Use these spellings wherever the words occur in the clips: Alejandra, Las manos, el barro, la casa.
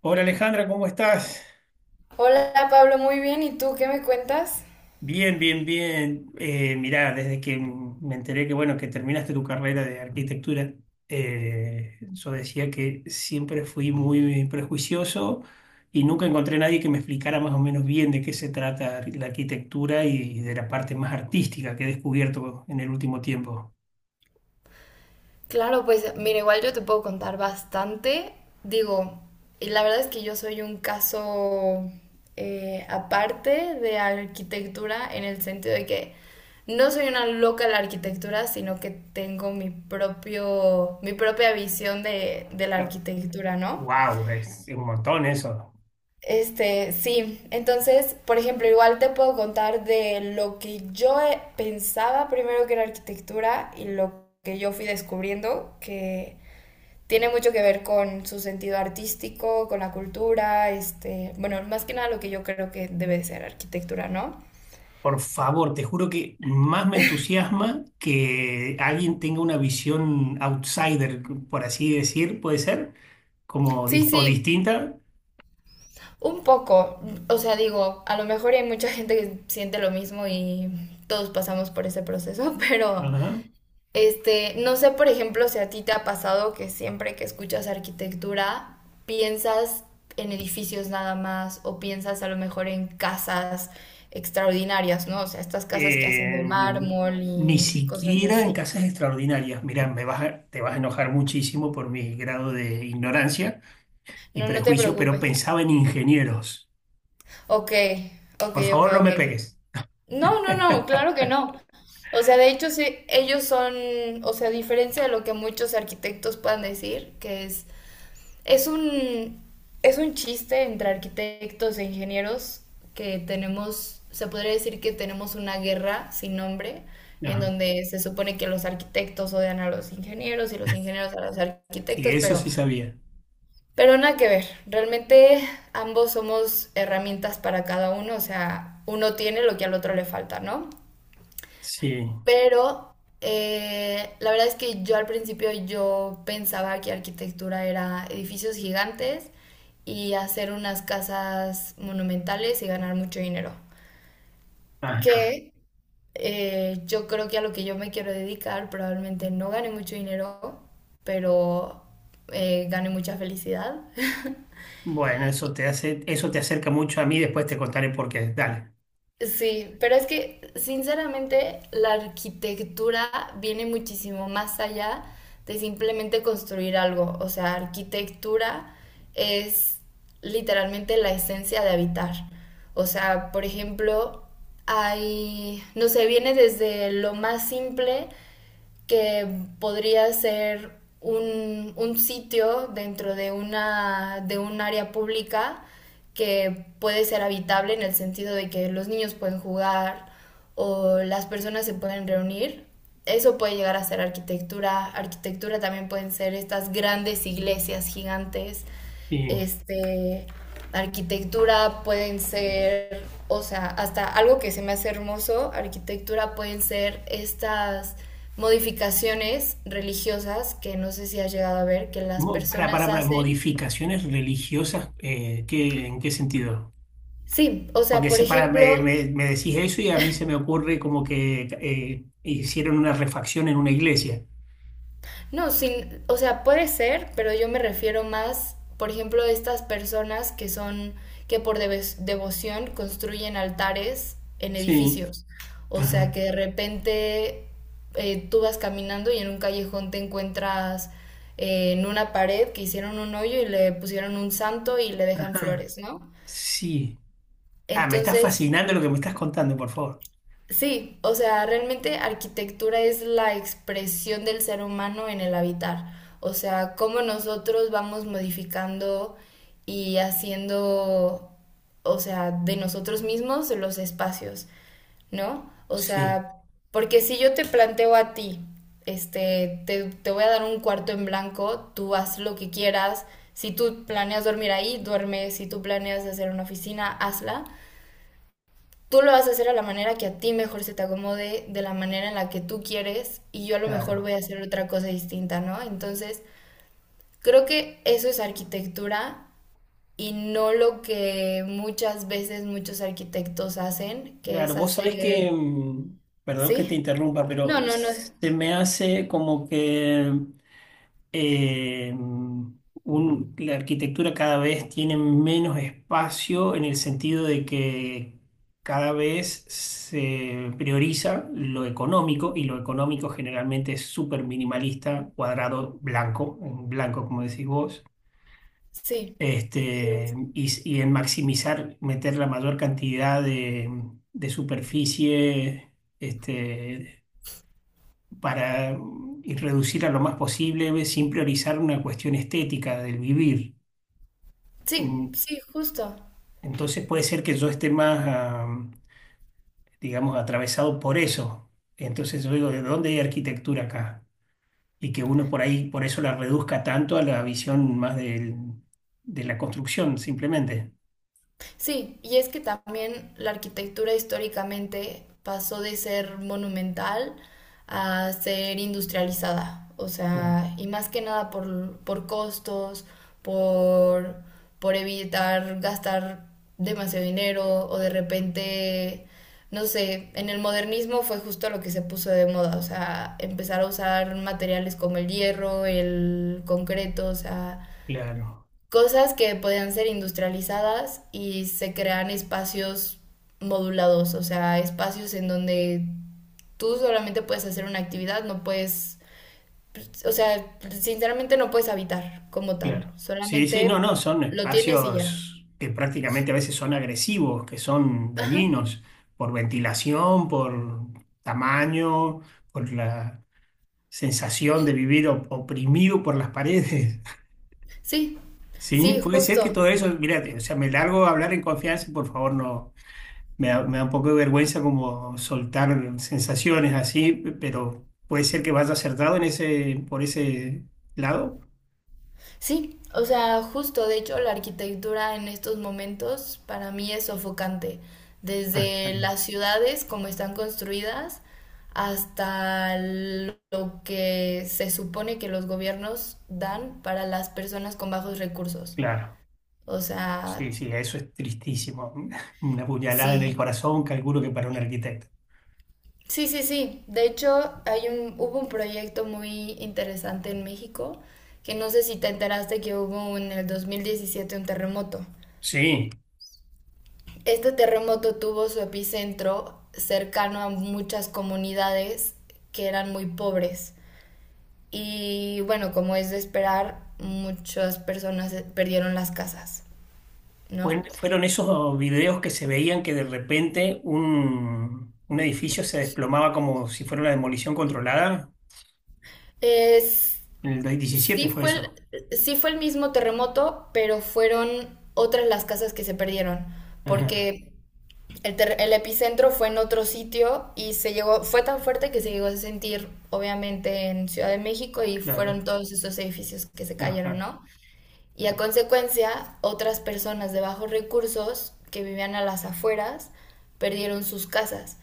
Hola Alejandra, ¿cómo estás? Hola Pablo, muy bien. ¿Y tú qué me cuentas? Bien, bien, bien. Mirá, desde que me enteré que bueno, que terminaste tu carrera de arquitectura, yo decía que siempre fui muy prejuicioso y nunca encontré nadie que me explicara más o menos bien de qué se trata la arquitectura y de la parte más artística que he descubierto en el último tiempo. Claro, pues mira, igual yo te puedo contar bastante. Digo, y la verdad es que yo soy un caso aparte de arquitectura en el sentido de que no soy una loca de la arquitectura, sino que tengo mi propia visión de la arquitectura, ¿no? Wow, es un montón eso. Este, sí, entonces, por ejemplo, igual te puedo contar de lo que yo pensaba primero que era arquitectura y lo que yo fui descubriendo, que tiene mucho que ver con su sentido artístico, con la cultura, este, bueno, más que nada lo que yo creo que debe de ser arquitectura, ¿no? Por favor, te juro que más me entusiasma que alguien tenga una visión outsider, por así decir, puede ser, como Sí, o sí. distinta. Un poco, o sea, digo, a lo mejor hay mucha gente que siente lo mismo y todos pasamos por ese proceso, pero Ajá. este, no sé, por ejemplo, si a ti te ha pasado que siempre que escuchas arquitectura piensas en edificios nada más o piensas a lo mejor en casas extraordinarias, ¿no? O sea, estas casas que hacen de Eh, mármol ni y cosas siquiera en así. casas extraordinarias. Mirá, te vas a enojar muchísimo por mi grado de ignorancia y No, no te prejuicio, pero preocupes. pensaba en ingenieros. Ok, ok, Por ok, favor, no ok. me pegues. No, no, no, claro que no. O sea, de hecho, sí, ellos son, o sea, a diferencia de lo que muchos arquitectos puedan decir, que es... Es un, es un chiste entre arquitectos e ingenieros que tenemos, se podría decir que tenemos una guerra sin nombre, en Ajá. donde se supone que los arquitectos odian a los ingenieros y los ingenieros a los Sí, arquitectos, eso sí sabía. pero nada que ver. Realmente ambos somos herramientas para cada uno, o sea, uno tiene lo que al otro le falta, ¿no? Sí. Pero la verdad es que yo al principio yo pensaba que arquitectura era edificios gigantes y hacer unas casas monumentales y ganar mucho dinero. Ajá. Que yo creo que a lo que yo me quiero dedicar probablemente no gane mucho dinero, pero gane mucha felicidad. Bueno, eso te hace, eso te acerca mucho a mí, después te contaré por qué. Dale. Sí, pero es que sinceramente la arquitectura viene muchísimo más allá de simplemente construir algo. O sea, arquitectura es literalmente la esencia de habitar. O sea, por ejemplo, hay, no sé, viene desde lo más simple que podría ser un sitio de un área pública que puede ser habitable en el sentido de que los niños pueden jugar o las personas se pueden reunir. Eso puede llegar a ser arquitectura. Arquitectura también pueden ser estas grandes iglesias gigantes, Sí. este, arquitectura pueden ser, o sea, hasta algo que se me hace hermoso, arquitectura pueden ser estas modificaciones religiosas que no sé si has llegado a ver, que las personas Para, hacen. modificaciones religiosas, en qué sentido? Sí, o sea, Porque por para, ejemplo, me decís eso y a mí se me ocurre como que hicieron una refacción en una iglesia. no, sin, o sea, puede ser, pero yo me refiero más, por ejemplo, a estas personas que son, que por devoción construyen altares en Sí. edificios. O sea, Ajá. que de repente tú vas caminando y en un callejón te encuentras en una pared que hicieron un hoyo y le pusieron un santo y le dejan Ajá. flores, ¿no? Sí. Ah, me está Entonces, fascinando lo que me estás contando, por favor. sí, o sea, realmente arquitectura es la expresión del ser humano en el habitar. O sea, cómo nosotros vamos modificando y haciendo, o sea, de nosotros mismos los espacios, ¿no? O Sí, sea, porque si yo te planteo a ti, este, te voy a dar un cuarto en blanco, tú haz lo que quieras. Si tú planeas dormir ahí, duerme. Si tú planeas hacer una oficina, hazla. Tú lo vas a hacer a la manera que a ti mejor se te acomode, de la manera en la que tú quieres, y yo a lo mejor voy claro. a hacer otra cosa distinta, ¿no? Entonces, creo que eso es arquitectura y no lo que muchas veces muchos arquitectos hacen, que Claro, es vos sabés hacer... que, perdón que te ¿Sí? interrumpa, No, pero no, no. se me hace como que la arquitectura cada vez tiene menos espacio en el sentido de que cada vez se prioriza lo económico y lo económico generalmente es súper minimalista, cuadrado, blanco, en blanco como decís vos. Sí. Este, y en maximizar, meter la mayor cantidad de superficie, este, para y reducir a lo más posible sin priorizar una cuestión estética del vivir. Sí, Mm, sí, justo. entonces puede ser que yo esté más, ah, digamos, atravesado por eso. Entonces yo digo, ¿de dónde hay arquitectura acá? Y que uno por ahí, por eso la reduzca tanto a la visión de la construcción, simplemente. Sí, y es que también la arquitectura históricamente pasó de ser monumental a ser industrializada, o sea, y más que nada por costos, por, por evitar gastar demasiado dinero o de repente, no sé, en el modernismo fue justo lo que se puso de moda, o sea, empezar a usar materiales como el hierro, el concreto, o sea, Claro. cosas que podían ser industrializadas y se crean espacios modulados, o sea, espacios en donde tú solamente puedes hacer una actividad, no puedes, o sea, sinceramente no puedes habitar como tal, Claro. Sí, sí, no, solamente no, son lo tienes y ya. espacios que prácticamente a veces son agresivos, que son Ajá, dañinos por ventilación, por tamaño, por la sensación de vivir oprimido por las paredes. sí, Sí, sí, puede ser que justo. todo eso, mira, o sea, me largo a hablar en confianza, y por favor, no, me da un poco de vergüenza como soltar sensaciones así, pero puede ser que vaya acertado en ese, por ese lado. Sí, o sea, justo, de hecho, la arquitectura en estos momentos para mí es sofocante. Ah, Desde las ciudades, como están construidas, hasta lo que se supone que los gobiernos dan para las personas con bajos recursos. claro. O sea, Sí, sí, eso es tristísimo. Una puñalada en el sí. corazón, calculo que para un arquitecto. Sí, sí, sí. De hecho, hubo un proyecto muy interesante en México, que no sé si te enteraste que hubo en el 2017 un terremoto. Sí, Este terremoto tuvo su epicentro cercano a muchas comunidades que eran muy pobres. Y bueno, como es de esperar, muchas personas perdieron las casas, ¿no? Fueron esos videos que se veían que de repente un edificio se desplomaba como si fuera una demolición controlada. Es, En el 2017 sí, fue eso. Sí fue el mismo terremoto, pero fueron otras las casas que se perdieron, Ajá, porque el, el epicentro fue en otro sitio y se llegó, fue tan fuerte que se llegó a sentir, obviamente, en Ciudad de México y claro, fueron todos esos edificios que se cayeron, ajá, ¿no? Y a consecuencia, otras personas de bajos recursos que vivían a las afueras perdieron sus casas.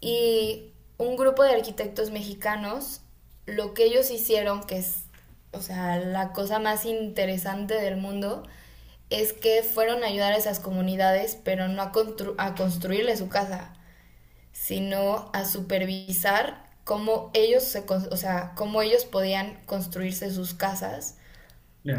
Y un grupo de arquitectos mexicanos, lo que ellos hicieron, que es, o sea, la cosa más interesante del mundo, es que fueron a ayudar a esas comunidades, pero no a construirle su casa, sino a supervisar cómo ellos, se, con o sea, cómo ellos podían construirse sus casas,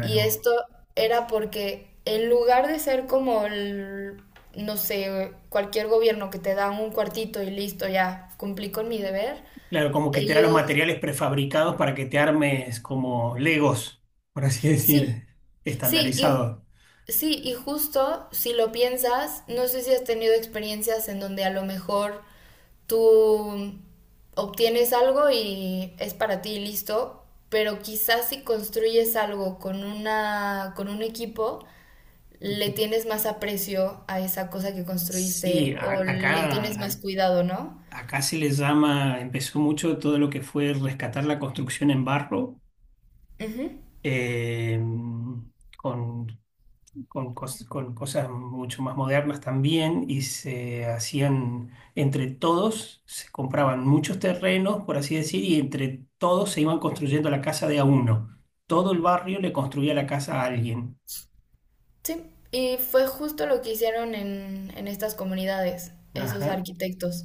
y esto era porque en lugar de ser como el, no sé, cualquier gobierno que te da un cuartito y listo, ya cumplí con mi deber, Claro, como que te da los ellos, materiales prefabricados para que te armes como Legos, por así sí, decir, sí, estandarizados. Y justo si lo piensas, no sé si has tenido experiencias en donde a lo mejor tú obtienes algo y es para ti y listo, pero quizás si construyes algo con un equipo, le tienes más aprecio a esa cosa que Sí, construiste o le tienes más acá, cuidado, ¿no? acá se le llama, empezó mucho todo lo que fue rescatar la construcción en barro, Ujú, eh, con, con cosas mucho más modernas también, y se hacían entre todos, se compraban muchos terrenos, por así decir, y entre todos se iban construyendo la casa de a uno. Todo el barrio le construía la casa a alguien. sí, y fue justo lo que hicieron en estas comunidades, esos Ajá. arquitectos.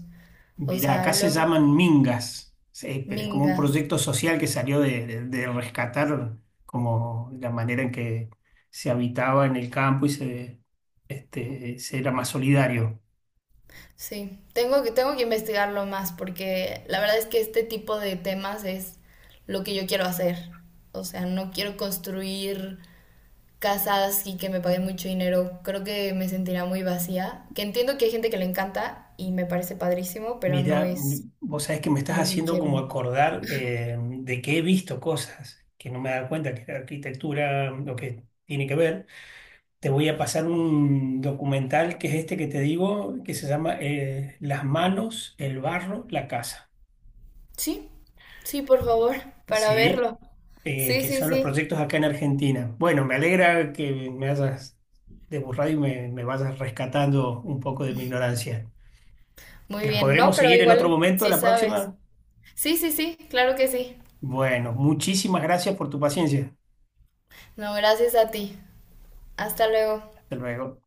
O Mirá, sea, acá se los llaman mingas, sí, pero es como un mingas. proyecto social que salió de, de rescatar como la manera en que se habitaba en el campo y se, este, se era más solidario. Sí, tengo que investigarlo más porque la verdad es que este tipo de temas es lo que yo quiero hacer. O sea, no quiero construir casas y que me paguen mucho dinero, creo que me sentiría muy vacía. Que entiendo que hay gente que le encanta y me parece padrísimo, pero no Mira, es vos sabés que me estás lo que haciendo quiero. como acordar de que he visto cosas que no me he dado cuenta que la arquitectura, lo que tiene que ver. Te voy a pasar un documental que es este que te digo, que se llama Las manos, el barro, la casa. Sí, sí, por favor, para Sí. verlo. Eh, Sí, que sí, son los sí. proyectos acá en Argentina. Bueno, me alegra que me hayas deburrado y me vayas rescatando un poco de mi ignorancia. Muy ¿La bien, no, podremos pero seguir en otro igual momento, sí la sabes. próxima? Sí, sí, sí, claro que sí. Bueno, muchísimas gracias por tu paciencia. No, gracias a ti. Hasta luego. Hasta luego.